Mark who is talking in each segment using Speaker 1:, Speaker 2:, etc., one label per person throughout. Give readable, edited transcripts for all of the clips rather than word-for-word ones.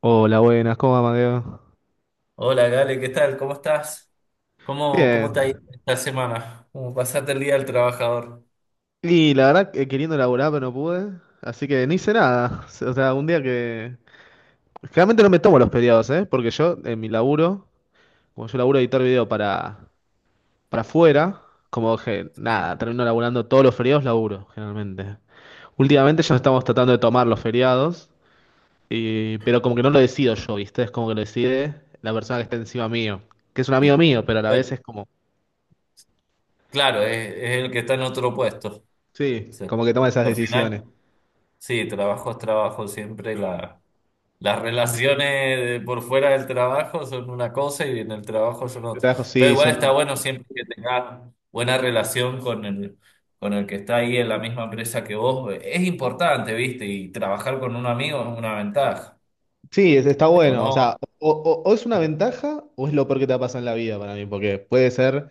Speaker 1: Hola, buenas, ¿cómo va, Mateo?
Speaker 2: Hola, Gale, ¿qué tal? ¿Cómo estás? ¿¿Cómo te ha ido
Speaker 1: Bien.
Speaker 2: esta semana? ¿Cómo pasaste el día del trabajador?
Speaker 1: Y la verdad, que queriendo laburar, pero no pude. Así que no hice nada. O sea, un día que. Generalmente no me tomo los feriados, ¿eh? Porque yo, en mi laburo, como yo laburo editar video para afuera, como que nada, termino laburando todos los feriados, laburo, generalmente. Últimamente ya estamos tratando de tomar los feriados, y, pero como que no lo decido yo, ¿viste? Es como que lo decide la persona que está encima mío, que es un amigo
Speaker 2: Sí.
Speaker 1: mío, pero a la vez
Speaker 2: Pero,
Speaker 1: es como.
Speaker 2: claro, es el que está en otro puesto.
Speaker 1: Sí,
Speaker 2: Sí.
Speaker 1: como que toma esas
Speaker 2: Al
Speaker 1: decisiones.
Speaker 2: final, sí, trabajo es trabajo. Las relaciones por fuera del trabajo son una cosa y en el trabajo son
Speaker 1: Yo
Speaker 2: otra.
Speaker 1: trabajo,
Speaker 2: Pero
Speaker 1: sí,
Speaker 2: igual está
Speaker 1: son...
Speaker 2: bueno siempre que tengas buena relación con con el que está ahí en la misma empresa que vos. Es importante, ¿viste? Y trabajar con un amigo es una ventaja.
Speaker 1: sí, es- está
Speaker 2: Te
Speaker 1: bueno. O
Speaker 2: conoce.
Speaker 1: sea, o es una ventaja o es lo peor que te va a pasar en la vida para mí, porque puede ser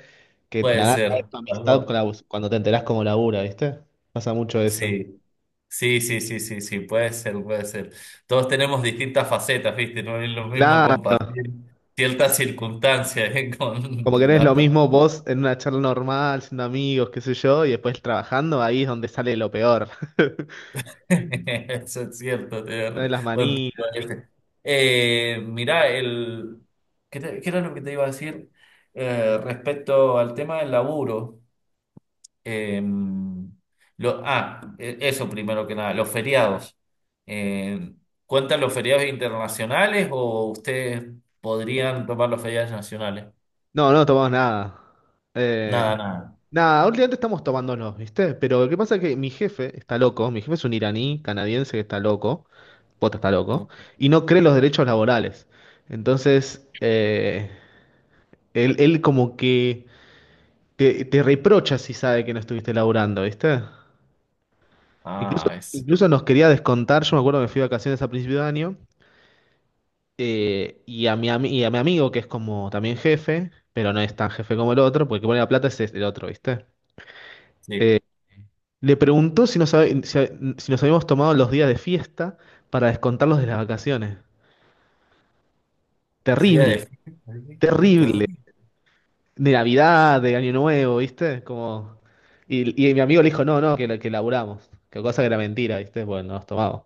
Speaker 1: que
Speaker 2: Puede
Speaker 1: nada
Speaker 2: ser.
Speaker 1: tu amistad con la- bus- cuando te enterás como labura, ¿viste? Pasa mucho eso.
Speaker 2: Sí, sí, sí, sí, sí, sí, puede ser, puede ser. Todos tenemos distintas facetas, ¿viste? No es lo mismo
Speaker 1: Claro,
Speaker 2: compartir ciertas circunstancias, ¿eh?
Speaker 1: como que no es lo mismo vos en una charla normal, siendo amigos, qué sé yo, y después trabajando, ahí es donde sale lo peor.
Speaker 2: Eso es cierto. Tenés
Speaker 1: Salen
Speaker 2: razón.
Speaker 1: las
Speaker 2: Buen punto
Speaker 1: manías.
Speaker 2: ese. Mirá, ¿Qué, qué era lo que te iba a decir respecto al tema del laburo? Em, Eso, primero que nada, los feriados. Em, ¿Cuentan los feriados internacionales o ustedes podrían tomar los feriados nacionales?
Speaker 1: No, no tomamos nada.
Speaker 2: Nada,
Speaker 1: Eh,
Speaker 2: nada.
Speaker 1: nada, últimamente estamos tomándonos, ¿viste? Pero lo que pasa es que mi jefe está loco, mi jefe es un iraní canadiense que está loco, Pota está loco, y no cree los derechos laborales. Entonces, él como que te reprocha si sabe que no estuviste laburando, ¿viste? Incluso,
Speaker 2: Ah, es,
Speaker 1: incluso nos quería descontar, yo me acuerdo que me fui de vacaciones a principio de año, y a mi, ami- y a mi amigo, que es como también jefe, pero no es tan jefe como el otro, porque el que pone la plata es el otro, ¿viste?
Speaker 2: sí,
Speaker 1: Le preguntó si nos, habe- si ha- si nos habíamos tomado los días de fiesta para descontarlos de las vacaciones.
Speaker 2: es día
Speaker 1: Terrible,
Speaker 2: de fiesta. ¿Sí? Qué
Speaker 1: terrible.
Speaker 2: terrible.
Speaker 1: De Navidad, de Año Nuevo, ¿viste? Como... Y, y mi amigo le dijo, no, no, que, la- que laburamos. Que cosa que era mentira, ¿viste? Bueno, nos tomamos.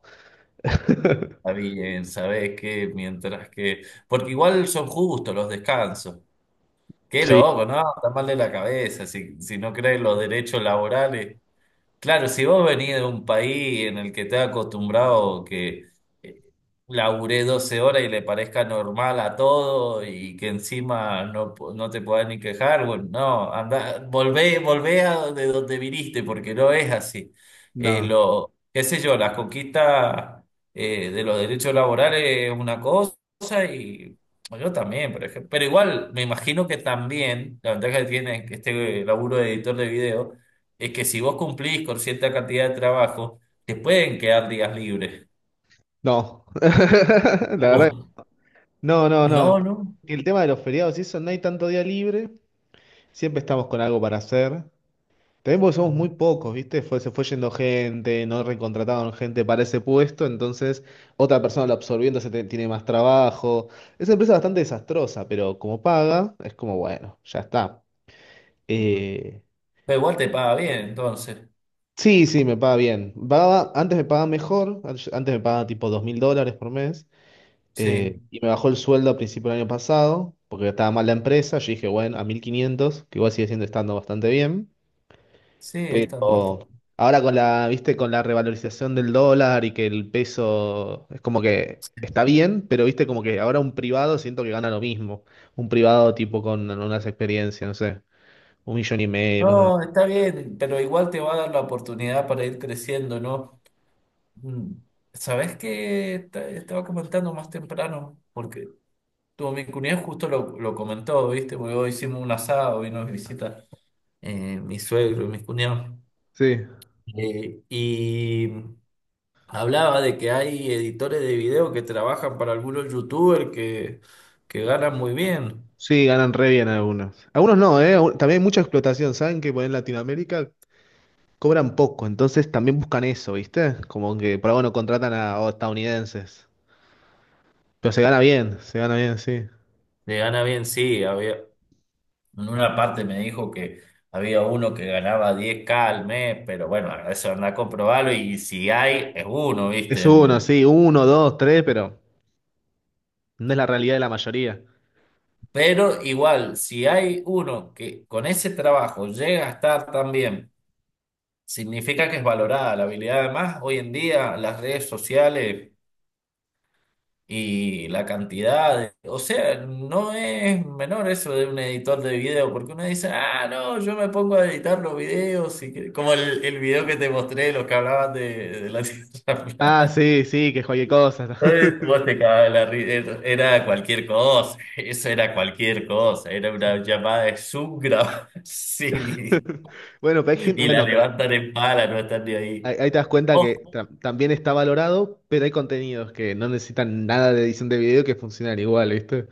Speaker 2: Está bien, sabés que mientras que. Porque igual son justos los descansos. Qué
Speaker 1: Sí,
Speaker 2: loco, ¿no? Está mal de la cabeza si no creen los derechos laborales. Claro, si vos venís de un país en el que te has acostumbrado que eh, laburé 12 horas y le parezca normal a todo y que encima no, no te puedas ni quejar, bueno, no, anda, volvé, volvé a de donde viniste porque no es así.
Speaker 1: no,
Speaker 2: Qué sé yo, las conquistas de los derechos laborales es una cosa y bueno, yo también, por ejemplo. Pero igual, me imagino que también la ventaja que tiene este laburo de editor de video es que si vos cumplís con cierta cantidad de trabajo, te pueden quedar días libres.
Speaker 1: no. La verdad.
Speaker 2: Ujú.
Speaker 1: No, no, no.
Speaker 2: No, no.
Speaker 1: El tema de los feriados y eso, no hay tanto día libre. Siempre estamos con algo para hacer. También porque somos
Speaker 2: Ujú,
Speaker 1: muy pocos, ¿viste? Fue, se fue yendo gente, no recontrataban gente para ese puesto, entonces otra persona lo absorbiendo se te- tiene más trabajo. Es una empresa bastante desastrosa, pero como paga, es como bueno, ya está.
Speaker 2: ujú.
Speaker 1: Eh,
Speaker 2: Pero igual te paga bien, entonces.
Speaker 1: sí, sí, me paga bien. Pagaba, antes me pagaba mejor, an- antes me pagaba tipo $2000 por mes,
Speaker 2: Sí,
Speaker 1: y me bajó el sueldo a principio del año pasado, porque estaba mal la empresa. Yo dije, bueno, a 1500, que igual sigue siendo estando bastante bien.
Speaker 2: sí, estando
Speaker 1: Pero
Speaker 2: bastante.
Speaker 1: ahora con la, viste, con la revalorización del dólar y que el peso es como que está bien, pero viste, como que ahora un privado siento que gana lo mismo. Un privado tipo con unas experiencias, no sé, 1,5 millones, cosas así.
Speaker 2: No, está bien, pero igual te va a dar la oportunidad para ir creciendo, ¿no? Mm. ¿Sabés qué? Estaba comentando más temprano, porque mi cuñado justo lo comentó, ¿viste? Porque hoy hicimos un asado, vino a visitar mi suegro y mis cuñados.
Speaker 1: Sí,
Speaker 2: Eh, y Hablaba de que hay editores de video que trabajan para algunos youtubers que ganan muy bien.
Speaker 1: sí, ganan re bien algunos. Algunos no, ¿eh? Aún- También hay mucha explotación, ¿saben? Que pues, en Latinoamérica cobran poco, entonces también buscan eso, ¿viste? Como que por algo no contratan a estadounidenses. Pero se gana bien, sí.
Speaker 2: Le gana bien, sí. Había, en una parte me dijo que había uno que ganaba 10K al mes, pero bueno, eso anda a comprobarlo y si hay, es uno,
Speaker 1: Es
Speaker 2: ¿viste?
Speaker 1: uno, sí, uno, dos, tres, pero... No es la realidad de la mayoría.
Speaker 2: Pero igual, si hay uno que con ese trabajo llega a estar tan bien, significa que es valorada la habilidad. Además, hoy en día las redes sociales O sea, no es menor eso de un editor de video, porque uno dice, ah, no, yo me pongo a editar los videos, y como el video que te mostré, los que hablaban de la Tierra
Speaker 1: Ah,
Speaker 2: plana.
Speaker 1: sí, sí, que cualquier cosa.
Speaker 2: Entonces, vos te cagabas de la risa, era cualquier cosa, eso era cualquier cosa, era una llamada de Zoom grabada, sí,
Speaker 1: Bueno, pero hay gente-
Speaker 2: y la
Speaker 1: bueno, pero
Speaker 2: levantan en pala, no están ni ahí.
Speaker 1: ahí, ahí te das cuenta que ta- también está valorado, pero hay contenidos que no necesitan nada de edición de video que funcionan igual, ¿viste?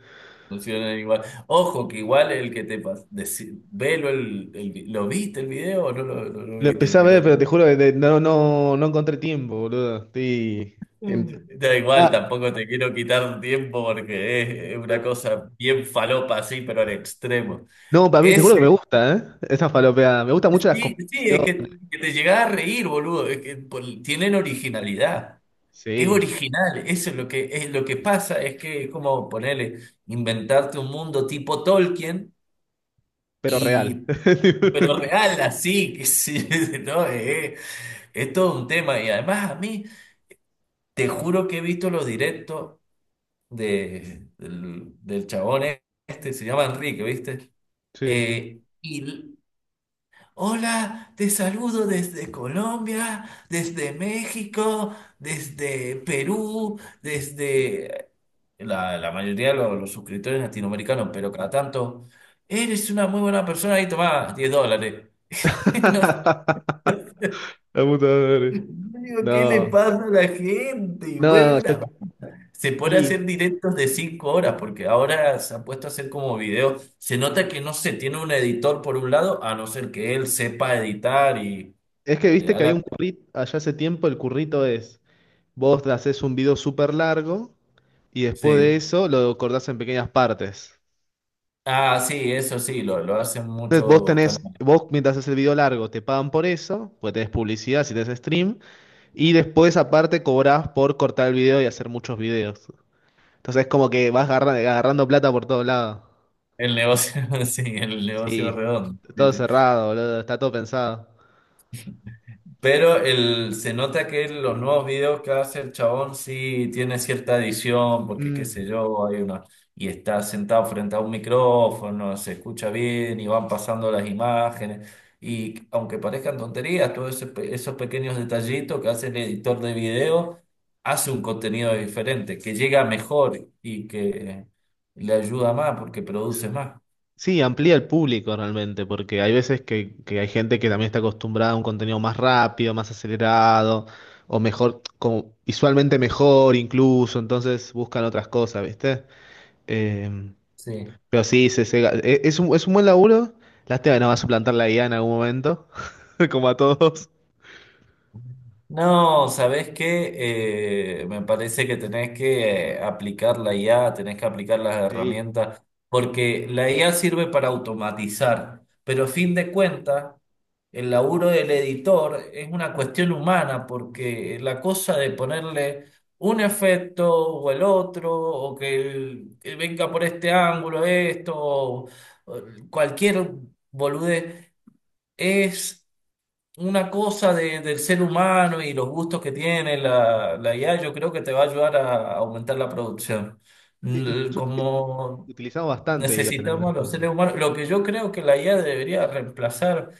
Speaker 2: Funcionan igual. Ojo, que igual el que velo el ¿lo viste el video o no no lo
Speaker 1: Lo
Speaker 2: viste
Speaker 1: empecé
Speaker 2: al
Speaker 1: a ver,
Speaker 2: final?
Speaker 1: pero te juro que de- no, no, no encontré tiempo, boludo. Estoy en-
Speaker 2: Da igual,
Speaker 1: Ah,
Speaker 2: tampoco te quiero quitar tiempo porque es una
Speaker 1: no,
Speaker 2: cosa bien falopa así, pero al extremo.
Speaker 1: no, para mí, te
Speaker 2: Es,
Speaker 1: juro que me gusta, ¿eh? Esa falopeada. Me gustan mucho las
Speaker 2: sí,
Speaker 1: cosas.
Speaker 2: sí, que te llegás a reír, boludo. Es que tienen originalidad. Es
Speaker 1: Sí,
Speaker 2: original, eso es lo que pasa, es que es como ponerle, inventarte un mundo tipo Tolkien.
Speaker 1: pero real.
Speaker 2: Y, pero real, así, que sí, no, es todo un tema. Y además a mí, te juro que he visto los directos del chabón este, se llama Enrique, ¿viste?
Speaker 1: Sí.
Speaker 2: Eh, y, l- hola, te saludo desde Colombia, desde México, desde Perú, desde la mayoría de los suscriptores latinoamericanos, pero cada tanto, eres una muy buena persona y tomás $10. No.
Speaker 1: La puta madre.
Speaker 2: Digo, ¿qué le
Speaker 1: No.
Speaker 2: pasa a la gente?
Speaker 1: No,
Speaker 2: Se pone a
Speaker 1: y
Speaker 2: hacer directos de 5 horas, porque ahora se ha puesto a hacer como videos. Se nota que no se tiene un editor por un lado, a no ser que él sepa editar y
Speaker 1: es que
Speaker 2: le
Speaker 1: viste
Speaker 2: da
Speaker 1: que hay
Speaker 2: la...
Speaker 1: un currito, allá hace tiempo el currito es, vos haces un video súper largo y después de
Speaker 2: Sí.
Speaker 1: eso lo cortás en pequeñas partes.
Speaker 2: Ah, sí, eso sí, lo hacen
Speaker 1: Entonces vos
Speaker 2: muchos
Speaker 1: tenés,
Speaker 2: canales.
Speaker 1: vos mientras haces el video largo te pagan por eso, porque tenés publicidad si tenés stream, y después aparte cobrás por cortar el video y hacer muchos videos. Entonces es como que vas agarra- agarrando, plata por todos lados.
Speaker 2: El negocio, sí, el negocio
Speaker 1: Sí,
Speaker 2: redondo. Sí,
Speaker 1: todo
Speaker 2: sí.
Speaker 1: cerrado, boludo, está todo pensado.
Speaker 2: Pero el, se nota que los nuevos videos que hace el chabón sí tiene cierta edición, porque qué sé
Speaker 1: Mm.
Speaker 2: yo, hay una, y está sentado frente a un micrófono, se escucha bien y van pasando las imágenes. Y aunque parezcan tonterías, todos ese esos pequeños detallitos que hace el editor de video, hace un contenido diferente, que llega mejor y que le ayuda más porque produce más.
Speaker 1: Sí, amplía el público realmente, porque hay veces que hay gente que también está acostumbrada a un contenido más rápido, más acelerado, o mejor, como visualmente mejor incluso, entonces buscan otras cosas, ¿viste? Eh,
Speaker 2: Sí.
Speaker 1: pero sí, se- e- es un buen laburo. Lástima que no va a suplantar la IA en algún momento, como a todos.
Speaker 2: No, ¿sabés qué? Me parece que tenés que aplicar la IA, tenés que aplicar las
Speaker 1: Sí.
Speaker 2: herramientas, porque la IA sirve para automatizar, pero a fin de cuentas, el laburo del editor es una cuestión humana, porque la cosa de ponerle un efecto o el otro, o que, que venga por este ángulo esto, o cualquier boludez, es una cosa del ser humano y los gustos que tiene la IA, yo creo que te va a ayudar a aumentar la producción.
Speaker 1: Sí, incluso
Speaker 2: Como
Speaker 1: utilizamos bastante IA en algunas
Speaker 2: necesitamos a los
Speaker 1: cosas.
Speaker 2: seres humanos, lo que yo creo que la IA debería reemplazar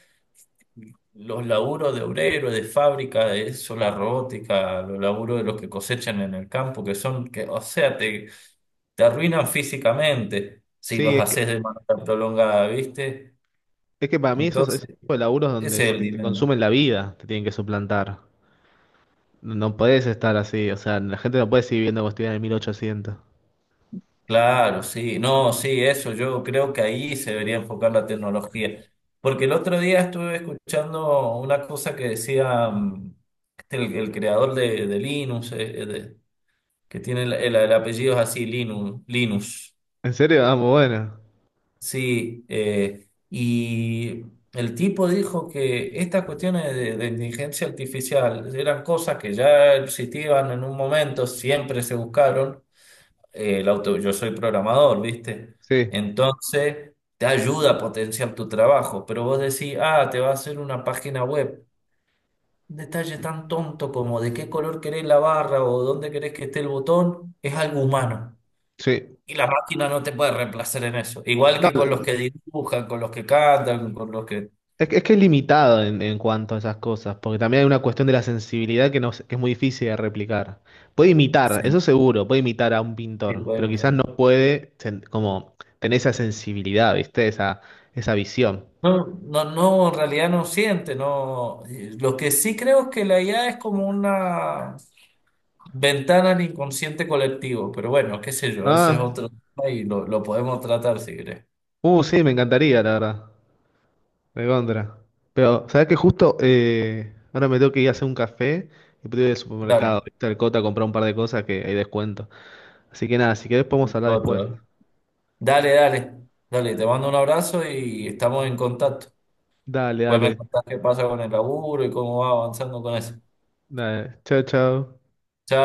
Speaker 2: los laburos de obrero, de fábrica, de eso, la robótica, los laburos de los que cosechan en el campo, que son, que, o sea, te arruinan físicamente si
Speaker 1: Sí,
Speaker 2: los haces de manera prolongada, ¿viste?
Speaker 1: es que para mí esos, esos
Speaker 2: Entonces,
Speaker 1: tipos de laburos donde
Speaker 2: ese es
Speaker 1: se
Speaker 2: el
Speaker 1: te, te
Speaker 2: dilema.
Speaker 1: consumen la vida, te tienen que suplantar. No podés estar así, o sea, la gente no puede seguir viendo como estuvieran en 1800
Speaker 2: Claro, sí, no, sí, eso, yo creo que ahí se debería enfocar la tecnología. Porque el otro día estuve escuchando una cosa que decía el creador de Linux, que tiene el apellido es así, Linux.
Speaker 1: ¿En serio? Ah, muy bueno.
Speaker 2: Sí, el tipo dijo que estas cuestiones de inteligencia artificial eran cosas que ya existían en un momento, siempre se buscaron yo soy programador, ¿viste?
Speaker 1: Sí,
Speaker 2: Entonces, te ayuda a potenciar tu trabajo, pero vos decís, ah, te va a hacer una página web. Un detalle tan tonto como de qué color querés la barra o dónde querés que esté el botón, es algo humano.
Speaker 1: sí.
Speaker 2: Y la máquina no te puede reemplazar en eso. Igual
Speaker 1: No,
Speaker 2: que con
Speaker 1: es
Speaker 2: los que dibujan, con los que cantan, con los que...
Speaker 1: que es, que es limitado en cuanto a esas cosas, porque también hay una cuestión de la sensibilidad que, no, se- que es muy difícil de replicar. Puede imitar, eso
Speaker 2: Sí,
Speaker 1: seguro, puede imitar a un
Speaker 2: sí,
Speaker 1: pintor, pero
Speaker 2: pueden
Speaker 1: quizás no
Speaker 2: mejorar.
Speaker 1: puede sen- como tener esa sensibilidad, ¿viste? Esa visión.
Speaker 2: No, no, no, en realidad no siente, no. Lo que sí creo es que la IA es como una ventana al inconsciente colectivo, pero bueno, qué sé yo, ese es
Speaker 1: Ah,
Speaker 2: otro tema y lo podemos tratar si querés.
Speaker 1: sí, me encantaría, la verdad. De contra. Pero, ¿sabes qué? Justo ahora me tengo que ir a hacer un café y puedo ir al
Speaker 2: Dale.
Speaker 1: supermercado, ¿viste? Al Cota a comprar un par de cosas que hay descuento. Así que nada, si querés podemos
Speaker 2: Bueno,
Speaker 1: hablar después.
Speaker 2: otro. Dale, dale, dale, te mando un abrazo y estamos en contacto.
Speaker 1: Dale,
Speaker 2: Pues me
Speaker 1: dale.
Speaker 2: contás qué pasa con el laburo y cómo va avanzando con eso.
Speaker 1: Dale. Chao, chao.
Speaker 2: Chao.